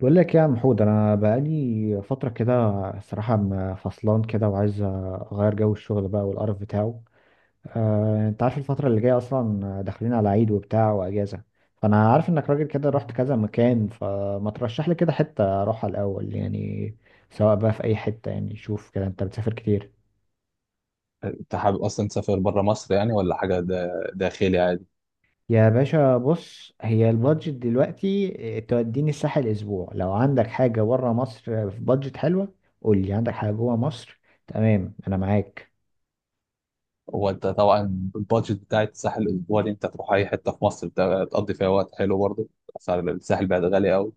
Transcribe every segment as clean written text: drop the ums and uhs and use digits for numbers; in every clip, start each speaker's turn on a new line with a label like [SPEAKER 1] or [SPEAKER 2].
[SPEAKER 1] بقول لك يا محمود، انا بقالي فتره كده. الصراحه فصلان كده، وعايز اغير جو الشغل بقى والقرف بتاعه. انت عارف الفتره اللي جايه اصلا داخلين على عيد وبتاع واجازه. فانا عارف انك راجل كده رحت كذا مكان، فما ترشح لي كده حته اروحها الاول يعني؟ سواء بقى في اي حته، يعني شوف كده، انت بتسافر كتير.
[SPEAKER 2] انت حابب اصلا تسافر بره مصر يعني، ولا حاجه داخلي عادي؟
[SPEAKER 1] يا باشا بص، هي البادجت دلوقتي توديني الساحل اسبوع. لو عندك حاجه بره مصر في بادجت حلوه قول لي. عندك حاجه جوه مصر؟ تمام، انا معاك.
[SPEAKER 2] هو انت طبعا، البادجت بتاعت الساحل الاسبوعي دي انت تروح اي حته في مصر تقضي فيها وقت حلو برضه. اسعار الساحل بقت غاليه قوي.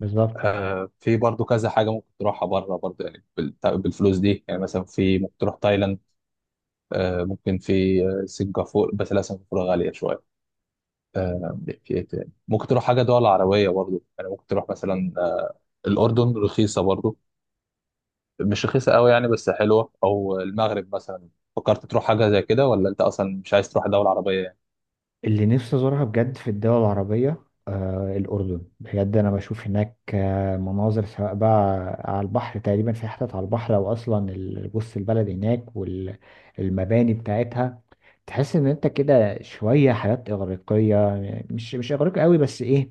[SPEAKER 1] بالظبط.
[SPEAKER 2] في برضه كذا حاجه ممكن تروحها بره برضه يعني بالفلوس دي. يعني مثلا في ممكن تروح تايلاند. ممكن في سنغافوره. بس لا، سنغافوره غاليه شويه. آه. في ايه تاني ممكن تروح، حاجه دول عربيه برضه يعني. ممكن تروح مثلا الاردن، رخيصه برضه. مش رخيصة قوي يعني، بس حلوة. أو المغرب مثلا. فكرت تروح حاجة زي كده، ولا أنت أصلا مش عايز تروح دولة عربية يعني؟
[SPEAKER 1] اللي نفسي ازورها بجد في الدول العربية الأردن. بجد أنا بشوف هناك مناظر، سواء بقى على البحر تقريبا، في حتت على البحر، أو أصلا بص البلد هناك والمباني بتاعتها تحس إن أنت كده شوية حياة إغريقية. مش إغريقي قوي، بس إيه،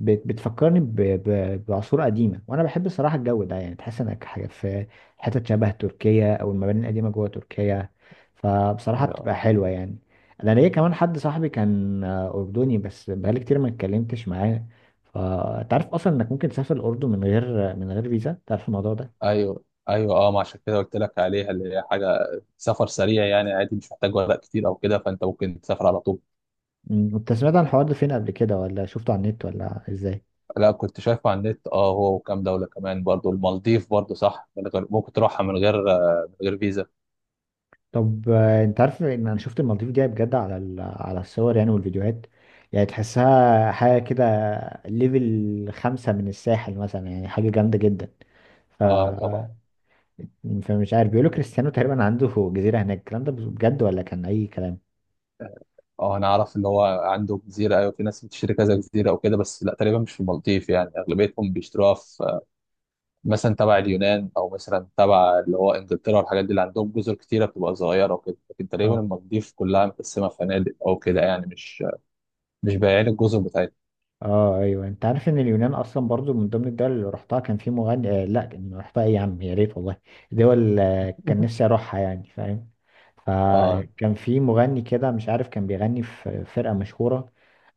[SPEAKER 1] بتفكرني بعصور قديمة، وأنا بحب صراحة الجو ده. يعني تحس إنك حاجة في حتت شبه تركيا، أو المباني القديمة جوه تركيا. فبصراحة بتبقى
[SPEAKER 2] اه،
[SPEAKER 1] حلوة يعني. انا ليا كمان حد صاحبي كان اردني، بس بقالي كتير ما اتكلمتش معاه. فانت عارف اصلا انك ممكن تسافر الاردن من غير فيزا؟ تعرف الموضوع ده؟
[SPEAKER 2] أيوه، أيوه، أه، ما عشان كده قلت لك عليها، اللي هي حاجة سفر سريع يعني، عادي، مش محتاج ورق كتير أو كده. فأنت ممكن تسافر على طول.
[SPEAKER 1] انت سمعت عن الحوار ده فين قبل كده؟ ولا شفته على النت؟ ولا ازاي؟
[SPEAKER 2] لا، كنت شايفه على النت. هو وكام دولة كمان برضو، المالديف برضو، صح، من غير ممكن تروحها من غير من غير فيزا.
[SPEAKER 1] طب انت عارف ان انا شفت المالديف دي بجد على على الصور يعني والفيديوهات. يعني تحسها حاجه كده، ليفل خمسة من الساحل مثلا، يعني حاجه جامده جدا. ف
[SPEAKER 2] أه، طبعا.
[SPEAKER 1] فمش عارف، بيقولوا كريستيانو تقريبا عنده جزيره هناك، الكلام ده بجد ولا كان اي كلام؟
[SPEAKER 2] أه، أنا أعرف، اللي هو عنده جزيرة. أيوه، في ناس بتشتري كذا جزيرة أو كده، بس لا، تقريبا مش في المالديف يعني. أغلبيتهم بيشتروها في مثلا تبع اليونان، او مثلا تبع اللي هو انجلترا والحاجات دي، اللي عندهم جزر كتيره بتبقى صغيره وكده. لكن تقريبا المالديف كلها متقسمه فنادق او كده، يعني مش بايعين الجزر بتاعتها.
[SPEAKER 1] اه ايوه، انت عارف ان اليونان اصلا برضو من ضمن الدول اللي رحتها؟ كان في مغني آه لا، كان رحتها ايه يا عم؟ يا ريت والله، دول كان نفسي اروحها يعني، فاهم.
[SPEAKER 2] آه
[SPEAKER 1] فكان في مغني كده، مش عارف، كان بيغني في فرقة مشهورة.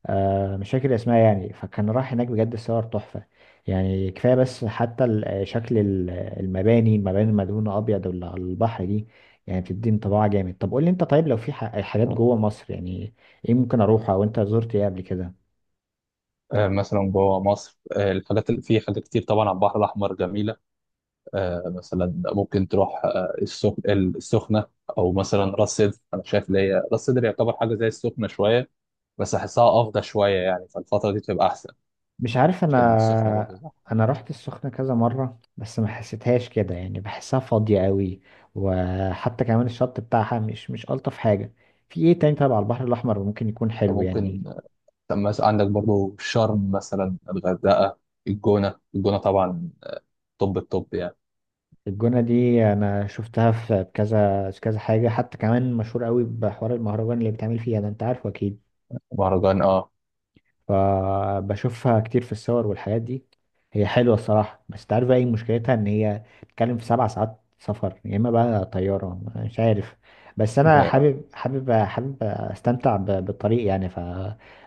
[SPEAKER 1] مش فاكر اسمها يعني. فكان راح هناك بجد، الصور تحفة. يعني كفاية بس، حتى شكل المباني، المباني المدهونة أبيض واللي على البحر دي، يعني بتدي انطباع جامد. طب قول لي انت، طيب لو في حاجات جوه مصر يعني، ايه ممكن اروحها او انت زرت ايه قبل كده؟
[SPEAKER 2] مثلا جوه مصر، الحاجات اللي في، حاجات كتير طبعا على البحر الاحمر جميله. مثلا ممكن تروح السخنه. او مثلا راس سدر. انا شايف اللي هي راس سدر يعتبر حاجه زي السخنه شويه، بس احسها افضل شويه يعني. فالفتره دي بتبقى احسن،
[SPEAKER 1] مش عارف
[SPEAKER 2] عشان السخنه برضه
[SPEAKER 1] انا.
[SPEAKER 2] زحمه.
[SPEAKER 1] انا رحت السخنة كذا مرة، بس ما حسيتهاش كده، يعني بحسها فاضية قوي، وحتى كمان الشط بتاعها مش الطف حاجة. في ايه تاني؟ طبعا على البحر الاحمر ممكن يكون حلو يعني.
[SPEAKER 2] فممكن. طب مثلا عندك برضو شرم، مثلا الغردقة، الجونة، الجونة طبعا. طب يعني.
[SPEAKER 1] الجونة دي انا شفتها في كذا في كذا حاجة، حتى كمان مشهور قوي بحوار المهرجان اللي بيتعمل فيها ده، انت عارفه اكيد.
[SPEAKER 2] مهرجان، اه.
[SPEAKER 1] فبشوفها كتير في الصور والحاجات دي. هي حلوة الصراحة، بس تعرف بقى ايه مشكلتها؟ ان هي بتتكلم في 7 ساعات سفر، يا اما بقى طيارة، مش عارف. بس انا
[SPEAKER 2] و-
[SPEAKER 1] حابب استمتع بالطريق يعني.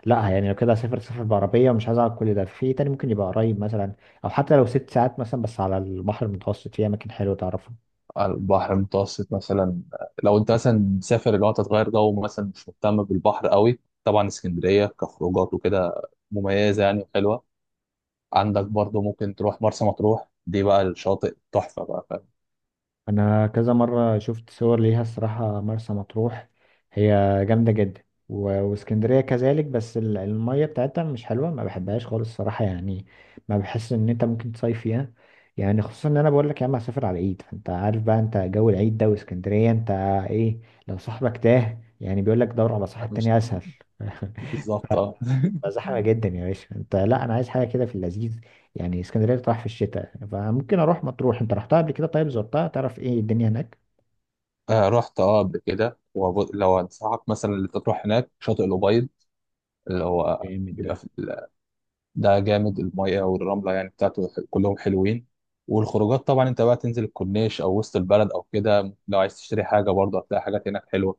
[SPEAKER 1] لا يعني، لو كده اسافر سفر بعربية ومش عايز اقعد كل ده، في تاني ممكن يبقى قريب مثلا، او حتى لو 6 ساعات مثلا، بس على البحر المتوسط في اماكن حلوة تعرف.
[SPEAKER 2] على البحر المتوسط مثلا، لو انت مثلا مسافر، اللي هو أنت تغير جو مثلا، مش مهتم بالبحر قوي، طبعا اسكندرية كخروجات وكده مميزة يعني، وحلوة. عندك برضو ممكن تروح مرسى مطروح. دي بقى الشاطئ تحفة بقى، فاهم؟
[SPEAKER 1] انا كذا مره شفت صور ليها الصراحه، مرسى مطروح هي جامده جدا. واسكندريه كذلك، بس الميه بتاعتها مش حلوه، ما بحبهاش خالص الصراحه يعني. ما بحس ان انت ممكن تصيف فيها، يعني خصوصا ان انا بقول لك يا عم هسافر على العيد، فانت عارف بقى انت جو العيد ده واسكندريه، انت ايه؟ لو صاحبك تاه يعني بيقول لك دور على
[SPEAKER 2] يعني
[SPEAKER 1] صاحب
[SPEAKER 2] مش.
[SPEAKER 1] تاني اسهل.
[SPEAKER 2] بالظبط، اه.
[SPEAKER 1] بقى زحمة جدا يا باشا. انت لا، انا عايز حاجة كده في اللذيذ. يعني اسكندرية بتروح في الشتاء، فممكن اروح مطروح. انت رحتها قبل كده؟ طيب زرتها؟ تعرف ايه الدنيا هناك؟
[SPEAKER 2] رحت، اه، قبل كده. ولو انصحك مثلا اللي أنت تروح هناك شاطئ الأبيض، اللي هو
[SPEAKER 1] جامد
[SPEAKER 2] بيبقى
[SPEAKER 1] ده.
[SPEAKER 2] في. ده جامد. المية والرملة يعني بتاعته، كلهم حلوين. والخروجات طبعا، انت بقى تنزل الكورنيش او وسط البلد او كده. لو عايز تشتري حاجة برضه هتلاقي حاجات هناك حلوة.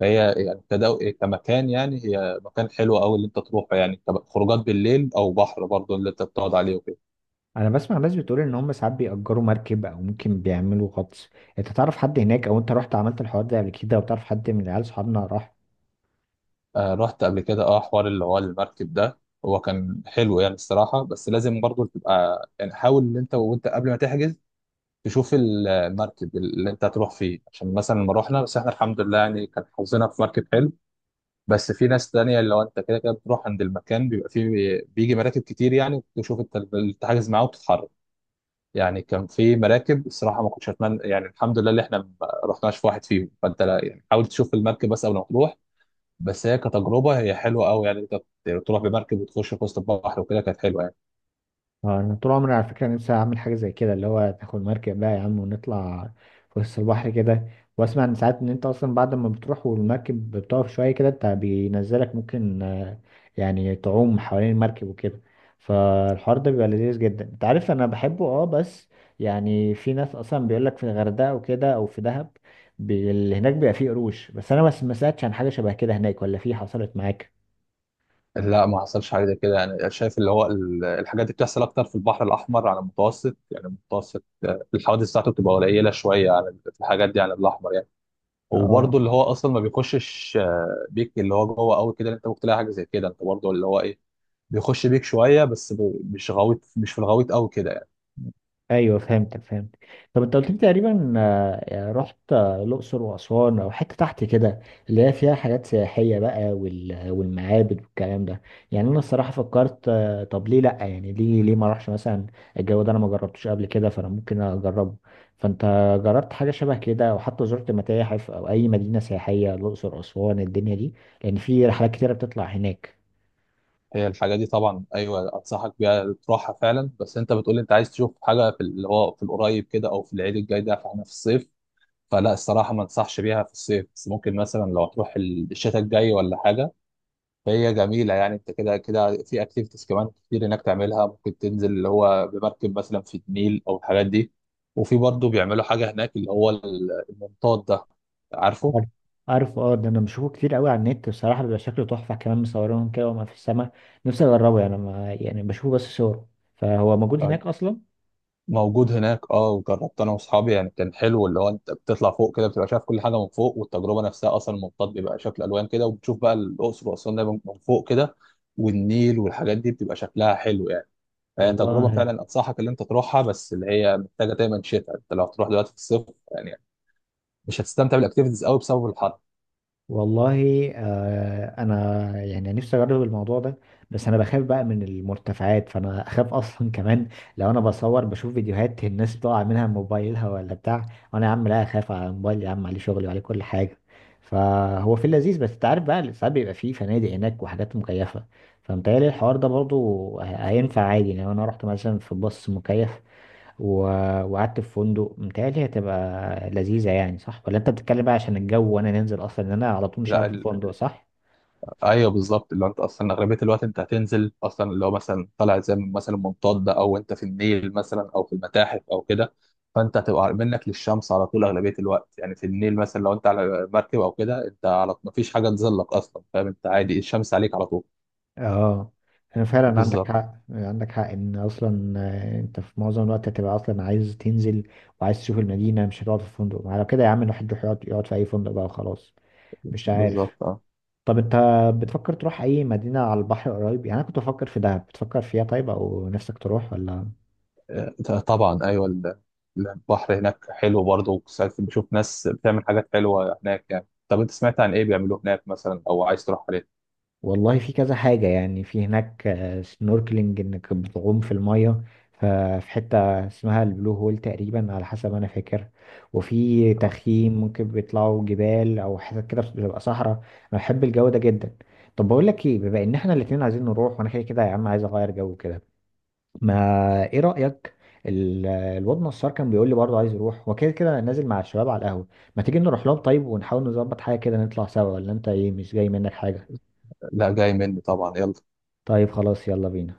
[SPEAKER 2] فهي يعني كمكان، يعني هي مكان حلو قوي اللي انت تروحه. يعني خروجات بالليل، او بحر برضه اللي انت بتقعد عليه وكده.
[SPEAKER 1] انا بسمع ناس بتقول ان هم ساعات بيأجروا مركب او ممكن بيعملوا غطس. انت تعرف حد هناك؟ او انت رحت عملت الحوار ده قبل كده؟ او تعرف حد من عيال صحابنا راح؟
[SPEAKER 2] رحت قبل كده، اه، حوار اللي هو المركب ده. هو كان حلو يعني الصراحة، بس لازم برضه تبقى يعني، حاول ان انت قبل ما تحجز تشوف المركب اللي انت هتروح فيه. عشان مثلا لما رحنا، بس احنا الحمد لله يعني، كان حظنا في مركب حلو. بس في ناس تانية، اللي هو انت كده كده بتروح عند المكان، بيبقى فيه بيجي مراكب كتير. يعني تشوف انت اللي تحجز معاه وتتحرك. يعني كان في مراكب الصراحة ما كنتش اتمنى يعني، الحمد لله اللي احنا ما رحناش في واحد فيهم. فانت لا يعني، حاول تشوف المركب بس قبل ما تروح. بس هي كتجربة هي حلوة قوي يعني. انت تروح بمركب وتخش في وسط البحر وكده، كانت حلوة.
[SPEAKER 1] اه، انا طول عمري على فكره نفسي اعمل حاجه زي كده، اللي هو تاخد مركب بقى يا عم ونطلع في وسط البحر كده. واسمع ان ساعات ان انت اصلا بعد ما بتروح والمركب بتقف شويه كده، انت بينزلك ممكن يعني تعوم حوالين المركب وكده. فالحوار ده بيبقى لذيذ جدا، انت عارف انا بحبه بس. يعني في ناس اصلا بيقول لك في الغردقه وكده، او في دهب اللي هناك بيبقى فيه قروش. بس انا بس ما سمعتش عن حاجه شبه كده هناك، ولا في حصلت معاك؟
[SPEAKER 2] لا، ما حصلش حاجه زي كده يعني. شايف اللي هو الحاجات دي بتحصل اكتر في البحر الاحمر على المتوسط يعني. المتوسط الحوادث بتاعته بتبقى قليله شويه على في الحاجات دي على الاحمر يعني. وبرده
[SPEAKER 1] اه
[SPEAKER 2] اللي هو اصلا ما بيخشش بيك اللي هو جوه قوي كده. انت ممكن تلاقي حاجه زي كده. انت برده اللي هو ايه، بيخش بيك شويه، بس مش غويط، مش في الغويط قوي كده يعني.
[SPEAKER 1] ايوه، فهمتك فهمت. طب انت قلت لي تقريبا يعني رحت الاقصر واسوان او حته تحت كده، اللي هي فيها حاجات سياحيه بقى والمعابد والكلام ده. يعني انا الصراحه فكرت، طب ليه لا يعني؟ ليه ما اروحش مثلا؟ الجو ده انا ما جربتوش قبل كده، فانا ممكن اجربه. فانت جربت حاجه شبه كده، او حتى زرت متاحف او اي مدينه سياحيه؟ الاقصر، اسوان، الدنيا دي، لان في رحلات كتيره بتطلع هناك.
[SPEAKER 2] هي الحاجه دي طبعا ايوه، انصحك بيها تروحها فعلا. بس انت بتقول انت عايز تشوف حاجه في اللي هو في القريب كده، او في العيد الجاي ده، فاحنا في الصيف. فلا الصراحة، ما انصحش بيها في الصيف، بس ممكن مثلا لو تروح الشتاء الجاي ولا حاجة. فهي جميلة يعني. انت كده كده في اكتيفيتيز كمان كتير هناك تعملها. ممكن تنزل اللي هو بمركب مثلا في النيل او الحاجات دي. وفي برضه بيعملوا حاجة هناك، اللي هو المنطاد ده، عارفه؟
[SPEAKER 1] عارف، عارف. اه، ده انا بشوفه كتير قوي على النت بصراحه، بيبقى شكله تحفه، كمان مصورينهم كده وما في السماء. نفسي اجربه، يعني ما يعني بشوفه بس صور. فهو موجود
[SPEAKER 2] آه،
[SPEAKER 1] هناك اصلا.
[SPEAKER 2] موجود هناك، اه. وجربت انا واصحابي، يعني كان حلو. اللي هو انت بتطلع فوق كده، بتبقى شايف كل حاجة من فوق. والتجربة نفسها اصلا، المنطاد بيبقى شكل الوان كده، وبتشوف بقى الاقصر واسوان دايما من فوق كده، والنيل والحاجات دي بتبقى شكلها حلو يعني. هي تجربه
[SPEAKER 1] والله،
[SPEAKER 2] فعلا انصحك اللي انت تروحها، بس اللي هي محتاجه دايما شتاء. انت لو تروح دلوقتي في الصيف يعني، مش هتستمتع بالاكتيفيتيز قوي بسبب الحر.
[SPEAKER 1] والله. آه، انا يعني نفسي اجرب الموضوع ده، بس انا بخاف بقى من المرتفعات، فانا اخاف اصلا كمان. لو انا بصور بشوف فيديوهات الناس بتقع منها من موبايلها ولا بتاع، وانا يا عم لا، اخاف على موبايل، يا عم عليه شغلي وعليه كل حاجه. فهو في اللذيذ. بس انت عارف بقى ساعات بيبقى فيه فنادق هناك وحاجات مكيفه، فمتهيألي الحوار ده برضو هينفع عادي. يعني لو انا رحت مثلا في باص مكيف و... وقعدت في فندق، متهيألي هتبقى لذيذة، يعني صح؟ ولا انت بتتكلم بقى عشان الجو، وانا ننزل اصلا، ان انا على طول مش
[SPEAKER 2] لا،
[SPEAKER 1] قاعد في فندق، صح؟
[SPEAKER 2] ايوه، بالظبط. اللي هو انت اصلا اغلبيه الوقت انت هتنزل اصلا، اللي هو مثلا طالع زي مثلا منطاد، او انت في النيل مثلا، او في المتاحف او كده. فانت هتبقى منك للشمس على طول اغلبيه الوقت. يعني في النيل مثلا، لو انت على مركب او كده، انت على ما فيش حاجه تظلك اصلا، فاهم؟ انت عادي، الشمس عليك على طول.
[SPEAKER 1] اه، انا فعلا عندك
[SPEAKER 2] بالظبط،
[SPEAKER 1] حق، عندك حق ان اصلا انت في معظم الوقت هتبقى اصلا عايز تنزل، وعايز تشوف المدينة، مش هتقعد في فندق. على كده يا عم، الواحد يروح يقعد في اي فندق بقى وخلاص، مش عارف.
[SPEAKER 2] بالظبط، آه.
[SPEAKER 1] طب انت بتفكر تروح اي مدينة على البحر قريب يعني؟ انا كنت بفكر في دهب، بتفكر فيها طيب؟ او نفسك تروح ولا؟
[SPEAKER 2] طبعا ايوه، البحر هناك حلو برضه. وساعات بشوف ناس بتعمل حاجات حلوه هناك يعني. طب انت سمعت عن ايه بيعملوه هناك مثلا، او عايز تروح عليه؟
[SPEAKER 1] والله في كذا حاجة يعني في هناك، سنوركلينج انك بتعوم في المية، ف- في حتة اسمها البلو هول تقريبا على حسب ما انا فاكر، وفي
[SPEAKER 2] آه،
[SPEAKER 1] تخييم، ممكن بيطلعوا جبال او حتت كده بتبقى صحراء، انا بحب الجو ده جدا. طب بقول لك ايه، بما ان احنا الاتنين عايزين نروح، وانا كده كده يا عم عايز اغير جو كده، ما ايه رأيك؟ الواد نصار كان بيقول لي برضه عايز يروح، وكده كده نازل مع الشباب على القهوة، ما تيجي نروح لهم طيب ونحاول نظبط حاجة كده نطلع سوا؟ ولا انت ايه، مش جاي منك حاجة؟
[SPEAKER 2] لا، جاي مني طبعا، يلا.
[SPEAKER 1] طيب خلاص، يلا بينا.